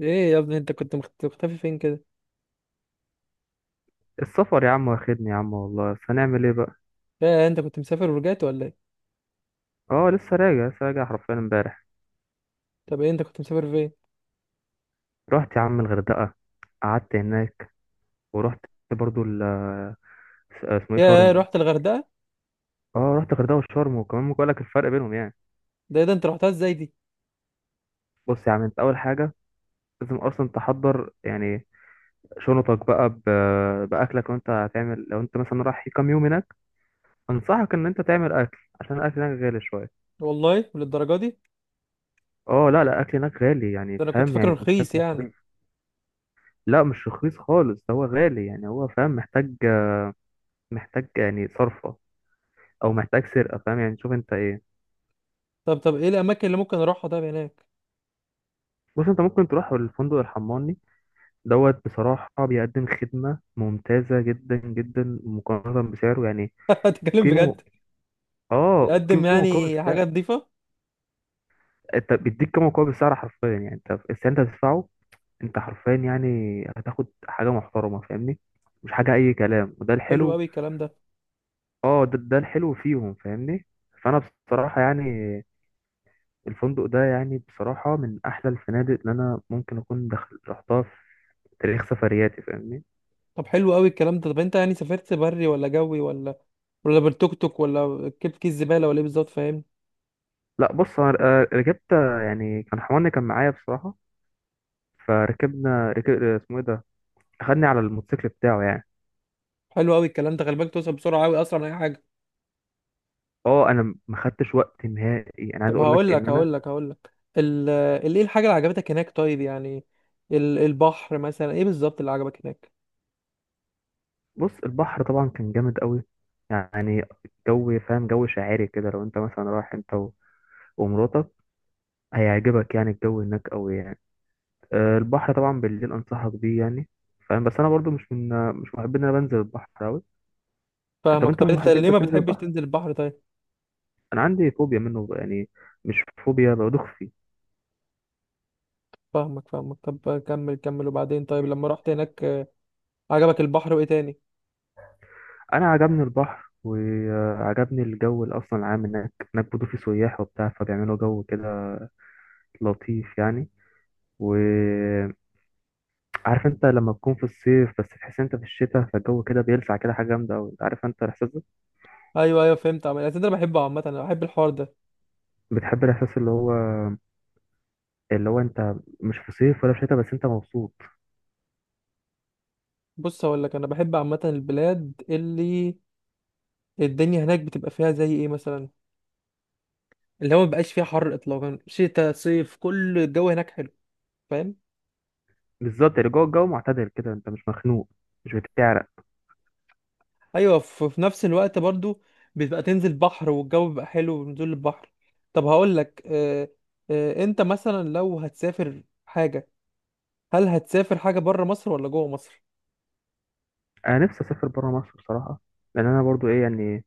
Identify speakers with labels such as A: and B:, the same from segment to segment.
A: ايه يا ابني، انت كنت مختفي فين كده؟
B: السفر يا عم واخدني يا عم والله، بس هنعمل ايه بقى؟
A: يا انت كنت مسافر ورجعت ولا ايه؟
B: اه، لسه راجع لسه راجع حرفيا امبارح.
A: طب ايه، انت كنت مسافر فين؟
B: رحت يا عم الغردقه، قعدت هناك ورحت برضو اسمه ايه؟
A: يا
B: شرم.
A: رحت الغردقه؟
B: اه رحت الغردقه وشرم، وكمان ممكن اقول لك الفرق بينهم يعني.
A: ده ايه ده؟ انت رحتها ازاي دي؟
B: بص يا عم، انت اول حاجه لازم اصلا تحضر يعني شنطك بقى، باكلك، وانت هتعمل لو انت مثلا رايح كام يوم هناك. انصحك ان انت تعمل اكل عشان الاكل هناك غالي شويه.
A: والله للدرجه دي؟
B: اه، لا لا، الاكل هناك غالي يعني،
A: ده انا كنت
B: فاهم؟
A: فاكره
B: يعني محتاج
A: رخيص يعني.
B: مصاريف. لا مش رخيص خالص، ده هو غالي يعني، هو فاهم، محتاج محتاج يعني صرفة، أو محتاج سرقة، فاهم يعني؟ شوف أنت إيه.
A: طب ايه الاماكن اللي ممكن اروحها طب، هناك؟
B: بص، أنت ممكن تروح الفندق الحماني دوت، بصراحة بيقدم خدمة ممتازة جدا جدا مقارنة بسعره يعني.
A: تتكلم بجد؟
B: قيمة. اه،
A: يقدم
B: قيمة مقابل
A: يعني
B: السعر.
A: حاجه نظيفه؟
B: أنت بيديك قيمة مقابل السعر حرفيا، يعني أنت السعر أنت هتدفعه، أنت حرفيا يعني هتاخد حاجة محترمة، فاهمني؟ مش حاجة أي كلام، وده
A: حلو
B: الحلو.
A: قوي الكلام ده.
B: اه ده الحلو فيهم، فاهمني؟ فأنا بصراحة يعني الفندق ده، يعني بصراحة، من أحلى الفنادق اللي أنا ممكن أكون دخل رحتها في تاريخ سفرياتي، فاهمني؟
A: طب حلو قوي الكلام ده. طب انت يعني سافرت بري ولا جوي ولا بالتوك توك ولا كيف كيس زباله ولا ايه بالظبط، فاهم؟
B: لا بص، أنا ركبت، يعني كان حماني كان معايا بصراحة. فركبنا ركب، اسمه إيه ده، أخدني على الموتوسيكل بتاعه يعني.
A: حلو قوي الكلام ده، خلي بالك توصل بسرعه قوي اسرع من اي حاجه.
B: أه، أنا ما خدتش وقت نهائي، أنا عايز
A: طب
B: أقول لك
A: هقول
B: إن
A: لك
B: أنا...
A: هقول لك هقول لك ايه الحاجة اللي عجبتك هناك طيب يعني؟ البحر مثلا، ايه بالظبط اللي عجبك هناك؟
B: بص، البحر طبعا كان جامد قوي يعني. جو، فاهم؟ جو شاعري كده، لو أنت مثلا رايح أنت ومراتك، هيعجبك يعني الجو هناك قوي يعني. البحر طبعا بالليل انصحك بيه يعني، فاهم؟ بس انا برضو مش محب ان انا بنزل البحر قوي. طب
A: فاهمك.
B: انت
A: طب
B: من
A: انت
B: محبين،
A: ليه
B: انت
A: ما
B: بتنزل
A: بتحبش
B: البحر؟
A: تنزل البحر طيب؟
B: انا عندي فوبيا منه يعني، مش فوبيا، بدوخ فيه.
A: فاهمك، فاهمك. طب كمل كمل وبعدين طيب، لما رحت هناك عجبك البحر وايه تاني؟
B: انا عجبني البحر وعجبني الجو، اللي اصلا العام هناك برضو في سياح وبتاع فبيعملوا جو كده لطيف يعني. وعارف، انت لما تكون في الصيف بس تحس انت في الشتاء، فالجو كده بيلسع كده، حاجه جامده قوي، عارف انت الاحساس ده؟
A: ايوه، ايوه، أصل انا بحبه عامة، انا بحب الحوار ده.
B: بتحب الاحساس اللي هو انت مش في صيف ولا في شتاء، بس انت مبسوط.
A: بص هقول لك، انا بحب عامة البلاد اللي الدنيا هناك بتبقى فيها زي ايه مثلا، اللي هو ما بقاش فيها حر اطلاقا، شتاء صيف كل الجو هناك حلو، فاهم؟
B: بالظبط يعني جوه الجو معتدل كده، انت مش مخنوق، مش بتعرق.
A: ايوه، في نفس الوقت برضو بتبقى تنزل بحر والجو بيبقى حلو بنزول البحر. طب هقول لك. انت مثلا لو هتسافر حاجه، هل هتسافر حاجه بره مصر ولا جوه مصر؟
B: انا نفسي اسافر بره مصر بصراحه، لان انا برضو ايه يعني،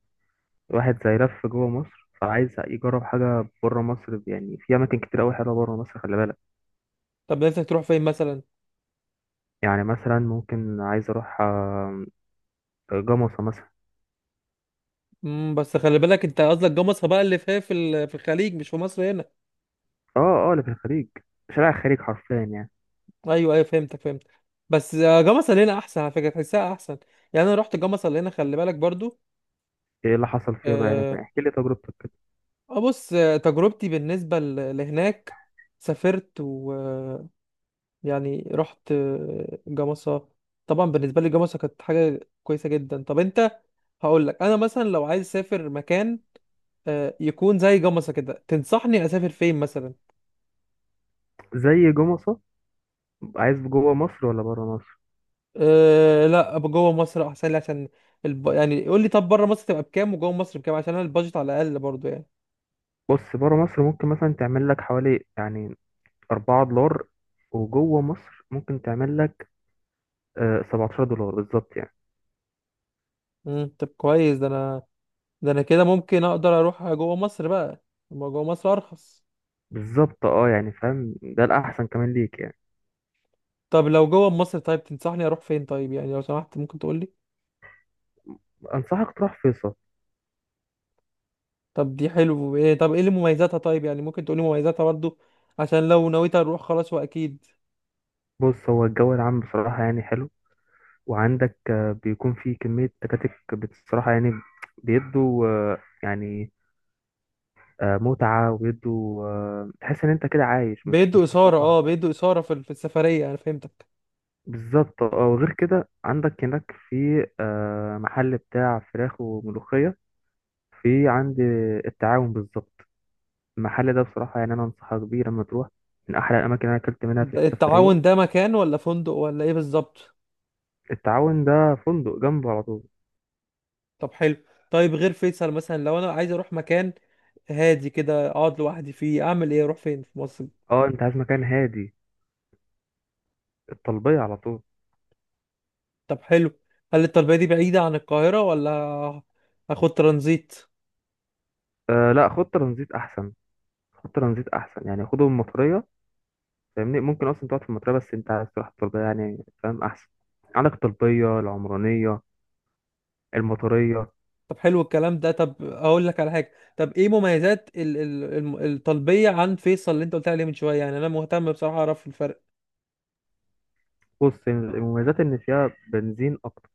B: واحد زي لف جوه مصر فعايز يجرب حاجه بره مصر، يعني في اماكن كتير قوي حلوه بره مصر، خلي بالك.
A: طب نفسك تروح فين مثلا؟
B: يعني مثلا ممكن عايز اروح جمصة مثلا.
A: بس خلي بالك، انت قصدك جوه مصر بقى اللي فيها في الخليج مش في مصر هنا.
B: اه. اه، اللي في الخليج، شارع الخليج حرفيا يعني.
A: ايوه، ايوه، فهمتك، فهمتك. بس جوه مصر هنا احسن، على فكره تحسها احسن. يعني انا رحت جوه مصر هنا، خلي بالك برضو.
B: ايه اللي حصل فيها بقى يعني؟
A: آه
B: احكي لي تجربتك كده.
A: بص، تجربتي بالنسبه لهناك، سافرت، يعني رحت جمصة. طبعا بالنسبة لي جمصة كانت حاجة كويسة جدا. طب انت، هقول لك، انا مثلا لو عايز اسافر مكان يكون زي جمصة كده، تنصحني اسافر فين مثلا؟
B: زي جمصة؟ عايز جوه مصر ولا بره مصر؟
A: أه لا، أبقى جوه مصر احسن لي عشان يعني قول لي، طب بره مصر تبقى بكام وجوه مصر بكام، عشان انا البادجت على الاقل برضو يعني.
B: بص، بره مصر ممكن مثلا تعمل لك حوالي يعني $4، وجوه مصر ممكن تعمل لك $17 بالظبط يعني.
A: طب كويس. ده انا كده ممكن اقدر اروح جوه مصر بقى، ما جوه مصر ارخص.
B: بالظبط، اه، يعني فاهم؟ ده الأحسن كمان ليك يعني.
A: طب لو جوه مصر طيب، تنصحني اروح فين طيب يعني، لو سمحت ممكن تقول لي؟
B: أنصحك تروح فيصل.
A: طب دي حلو ايه؟ طب ايه اللي مميزاتها طيب يعني؟ ممكن تقولي مميزاتها برضو عشان لو نويت اروح، خلاص واكيد.
B: بص هو الجو العام بصراحة يعني حلو، وعندك بيكون في كمية تكاتك بصراحة يعني، بيدوا يعني متعة، وبيدوا تحس إن أنت كده عايش
A: بيدوا
B: مش في
A: اثاره،
B: صحراء،
A: اه
B: فاهم؟
A: بيدوا اثاره في السفريه، انا فهمتك.
B: بالظبط، اه، وغير كده عندك هناك في محل بتاع فراخ وملوخية، في عند التعاون بالظبط. المحل ده بصراحة يعني أنا أنصحك بيه لما تروح، من أحلى الأماكن اللي أنا أكلت منها في السفرية.
A: التعاون ده مكان ولا فندق ولا ايه بالظبط؟
B: التعاون ده فندق جنبه على طول.
A: طب حلو. طيب غير فيصل مثلا، لو انا عايز اروح مكان هادي كده اقعد لوحدي فيه، اعمل ايه؟ اروح فين في مصر؟
B: أه، أنت عايز مكان هادي؟ الطلبية على طول.
A: طب حلو. هل الطلبيه دي بعيده عن القاهره، ولا هاخد ترانزيت؟
B: أه لا، خد ترانزيت أحسن. خد ترانزيت أحسن، يعني خده من المطرية، فاهمني؟ ممكن أصلا تقعد في المطرية، بس أنت عايز تروح الطلبية يعني، فاهم أحسن. عندك الطلبية، العمرانية، المطرية.
A: طب حلو الكلام ده. طب اقول لك على حاجه، طب ايه مميزات الطلبيه عن فيصل اللي انت قلت عليه من شويه؟ يعني انا مهتم بصراحه اعرف الفرق.
B: بص، المميزات إن فيها بنزين أكتر.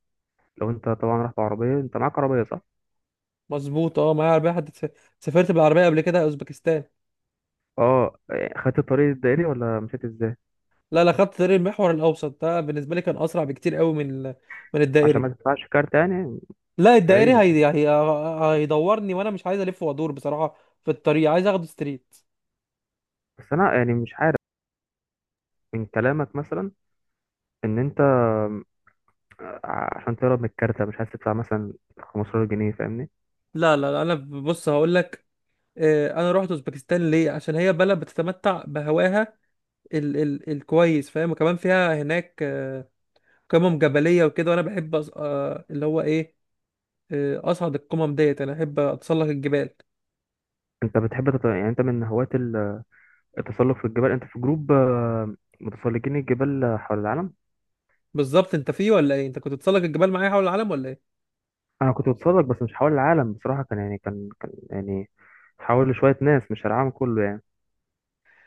B: لو أنت طبعا رايح بعربية، أنت معاك عربية صح؟
A: مظبوط، اه معايا عربيه حد، سافرت بالعربيه قبل كده اوزبكستان.
B: أه إيه، خدت الطريق الدائري ولا مشيت إزاي؟
A: لا لا، خدت طريق المحور الاوسط، ده بالنسبه لي كان اسرع بكتير قوي من
B: عشان
A: الدائري.
B: ما تدفعش كارت يعني.
A: لا الدائري هي
B: تقريبا.
A: يعني هي، هيدورني وانا مش عايز الف وادور بصراحه، في الطريق عايز اخد ستريت.
B: بس انا يعني مش عارف من كلامك مثلا، ان انت عشان تهرب من الكارتة مش عايز تدفع مثلا 15 جنيه، فاهمني؟
A: لا لا لا، انا بص هقول لك، انا رحت اوزبكستان ليه؟ عشان هي بلد بتتمتع بهواها ال ال الكويس، فاهم؟ وكمان فيها هناك قمم جبلية وكده، وانا بحب اللي هو ايه، اصعد القمم ديت، انا احب اتسلق الجبال.
B: انت بتحب يعني انت من هواة التسلق في الجبال؟ انت في جروب متسلقين الجبال حول العالم؟
A: بالظبط، انت فيه ولا ايه؟ انت كنت تتسلق الجبال معايا حول العالم ولا ايه؟
B: انا كنت بتسلق بس مش حول العالم بصراحة، كان يعني كان يعني حول لشوية ناس، مش العالم كله يعني.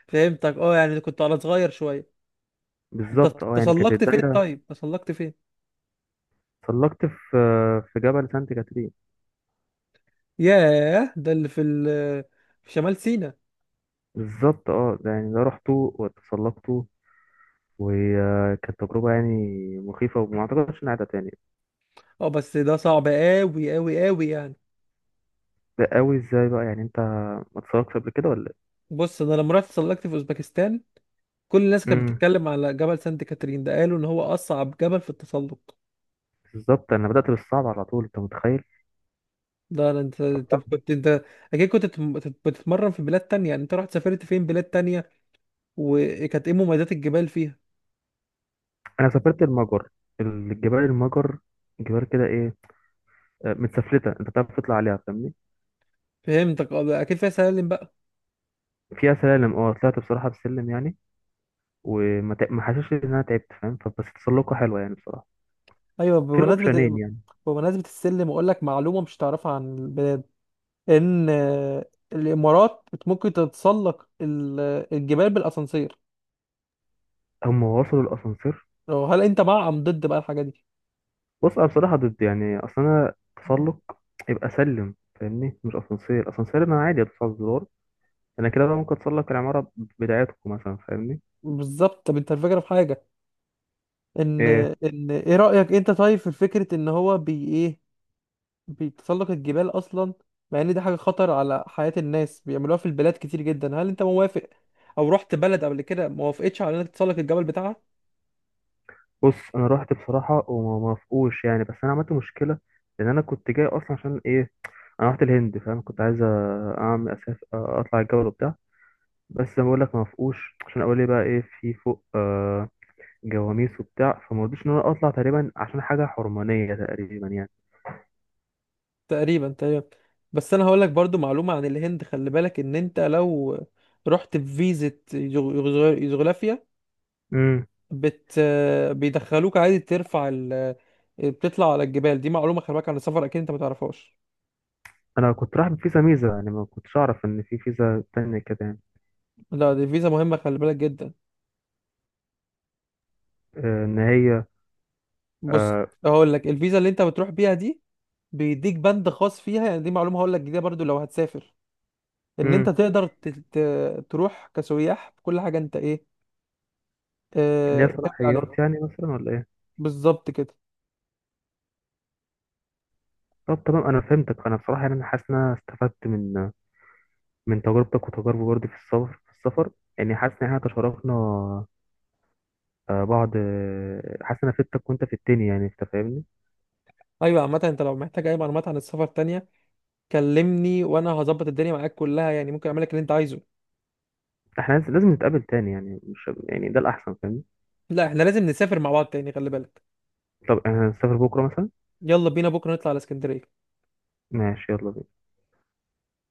A: فهمتك، اه يعني كنت على صغير شوية. انت
B: بالظبط اه، يعني كانت
A: تسلقت فين
B: الدايرة.
A: طيب؟ تسلقت فين؟
B: سلقت في في جبل سانت كاترين.
A: ياه، ده اللي في شمال سيناء؟
B: بالظبط اه، ده يعني ده رحته وتسلقت، وكانت تجربة يعني مخيفة، وما أعتقدش إنها هتعيدها تاني.
A: اه بس ده صعب قوي قوي قوي يعني.
B: ده قوي إزاي بقى يعني؟ أنت ما اتسرقتش قبل كده ولا إيه؟
A: بص انا لما رحت اتسلقت في اوزبكستان، كل الناس كانت
B: امم.
A: بتتكلم على جبل سانت كاترين ده، قالوا ان هو اصعب جبل في التسلق.
B: بالظبط أنا بدأت بالصعب على طول، أنت متخيل؟
A: لا لا، انت.
B: طب
A: طب
B: طب،
A: كنت انت، اكيد كنت بتتمرن في بلاد تانية يعني، انت رحت سافرت فين بلاد تانية؟ وكانت ايه مميزات الجبال فيها؟
B: أنا سافرت المجر. الجبال المجر، جبال كده إيه، متسفلتة، أنت بتعرف تطلع عليها فاهمني؟
A: فهمتك، اه اكيد فيها سلالم بقى.
B: فيها سلالم، أه طلعت بصراحة بسلم يعني، وما تع- ما حسيتش إن أنا تعبت، فاهم؟ فبس تسلقة حلوة يعني بصراحة.
A: ايوه،
B: في الأوبشنين يعني.
A: بمناسبة السلم اقول لك معلومة مش تعرفها عن البلاد، ان الامارات ممكن تتسلق الجبال بالاسانسير.
B: هم وصلوا الأسانسير؟
A: هل انت مع ام ضد بقى الحاجة دي؟
B: بص، انا بصراحه ضد يعني، اصل انا تسلق يبقى سلم فاهمني، مش اسانسير. اسانسير انا عادي ادوس على الزرار، انا كده بقى ممكن اتسلق العماره بدايتكم مثلا، فاهمني؟
A: بالظبط. طب انت، الفكرة في حاجة، ان
B: إيه.
A: ان ايه رأيك انت طيب في فكرة ان هو بي ايه، بتسلق الجبال اصلا، مع ان دي حاجه خطر على حياه الناس بيعملوها في البلاد كتير جدا، هل انت موافق؟ او رحت بلد قبل كده ما وافقتش على انك تسلق الجبل بتاعها؟
B: بص انا رحت بصراحه وما موافقوش يعني، بس انا عملت مشكله، لان انا كنت جاي اصلا عشان ايه؟ انا رحت الهند فاهم، كنت عايز اعمل اساس اطلع الجبل وبتاع. بس زي ما بقول لك، ما وافقوش عشان اقول لي بقى ايه في فوق؟ آه، جواميس وبتاع، فما رضيتش ان انا اطلع تقريبا، عشان حاجه حرمانيه تقريبا يعني.
A: تقريبا، تقريبا. بس انا هقول لك برضو معلومه عن الهند، خلي بالك ان انت لو رحت بفيزا يوغ- يوغوسلافيا،
B: إمم.
A: بت بيدخلوك عادي ترفع بتطلع على الجبال. دي معلومه خلي بالك عن السفر اكيد انت ما تعرفهاش.
B: انا كنت رايح بفيزا ميزه يعني، ما كنتش اعرف ان في فيزا تانية كده يعني.
A: لا دي فيزا مهمه خلي بالك جدا.
B: ان هي
A: بص
B: آه،
A: هقول لك، الفيزا اللي انت بتروح بيها دي بيديك بند خاص فيها، يعني دي معلومه هقول لك جديده برضو لو هتسافر، ان انت
B: امم
A: تقدر تروح كسياح بكل حاجه انت ايه، اه
B: ليها
A: تعمل عليها.
B: صلاحيات يعني مثلا، ولا ايه؟
A: بالظبط كده.
B: طب تمام، انا فهمتك. انا بصراحه يعني انا حاسس ان انا استفدت من تجربتك، وتجاربي برضه في السفر يعني. حاسس ان احنا تشاركنا بعض، حاسس ان انا فدتك وانت في التاني يعني، انت فاهمني؟
A: ايوه، عامه انت لو محتاج اي معلومات عن السفر تانية، كلمني وانا هظبط الدنيا معاك كلها، يعني ممكن اعمل لك اللي انت عايزه.
B: احنا لازم نتقابل تاني يعني، مش يعني ده الاحسن فاهمني؟
A: لا احنا لازم نسافر مع بعض تاني، خلي بالك.
B: طب احنا هنسافر بكره مثلا؟
A: يلا بينا بكره نطلع على اسكندريه.
B: ماشي، يلا بينا.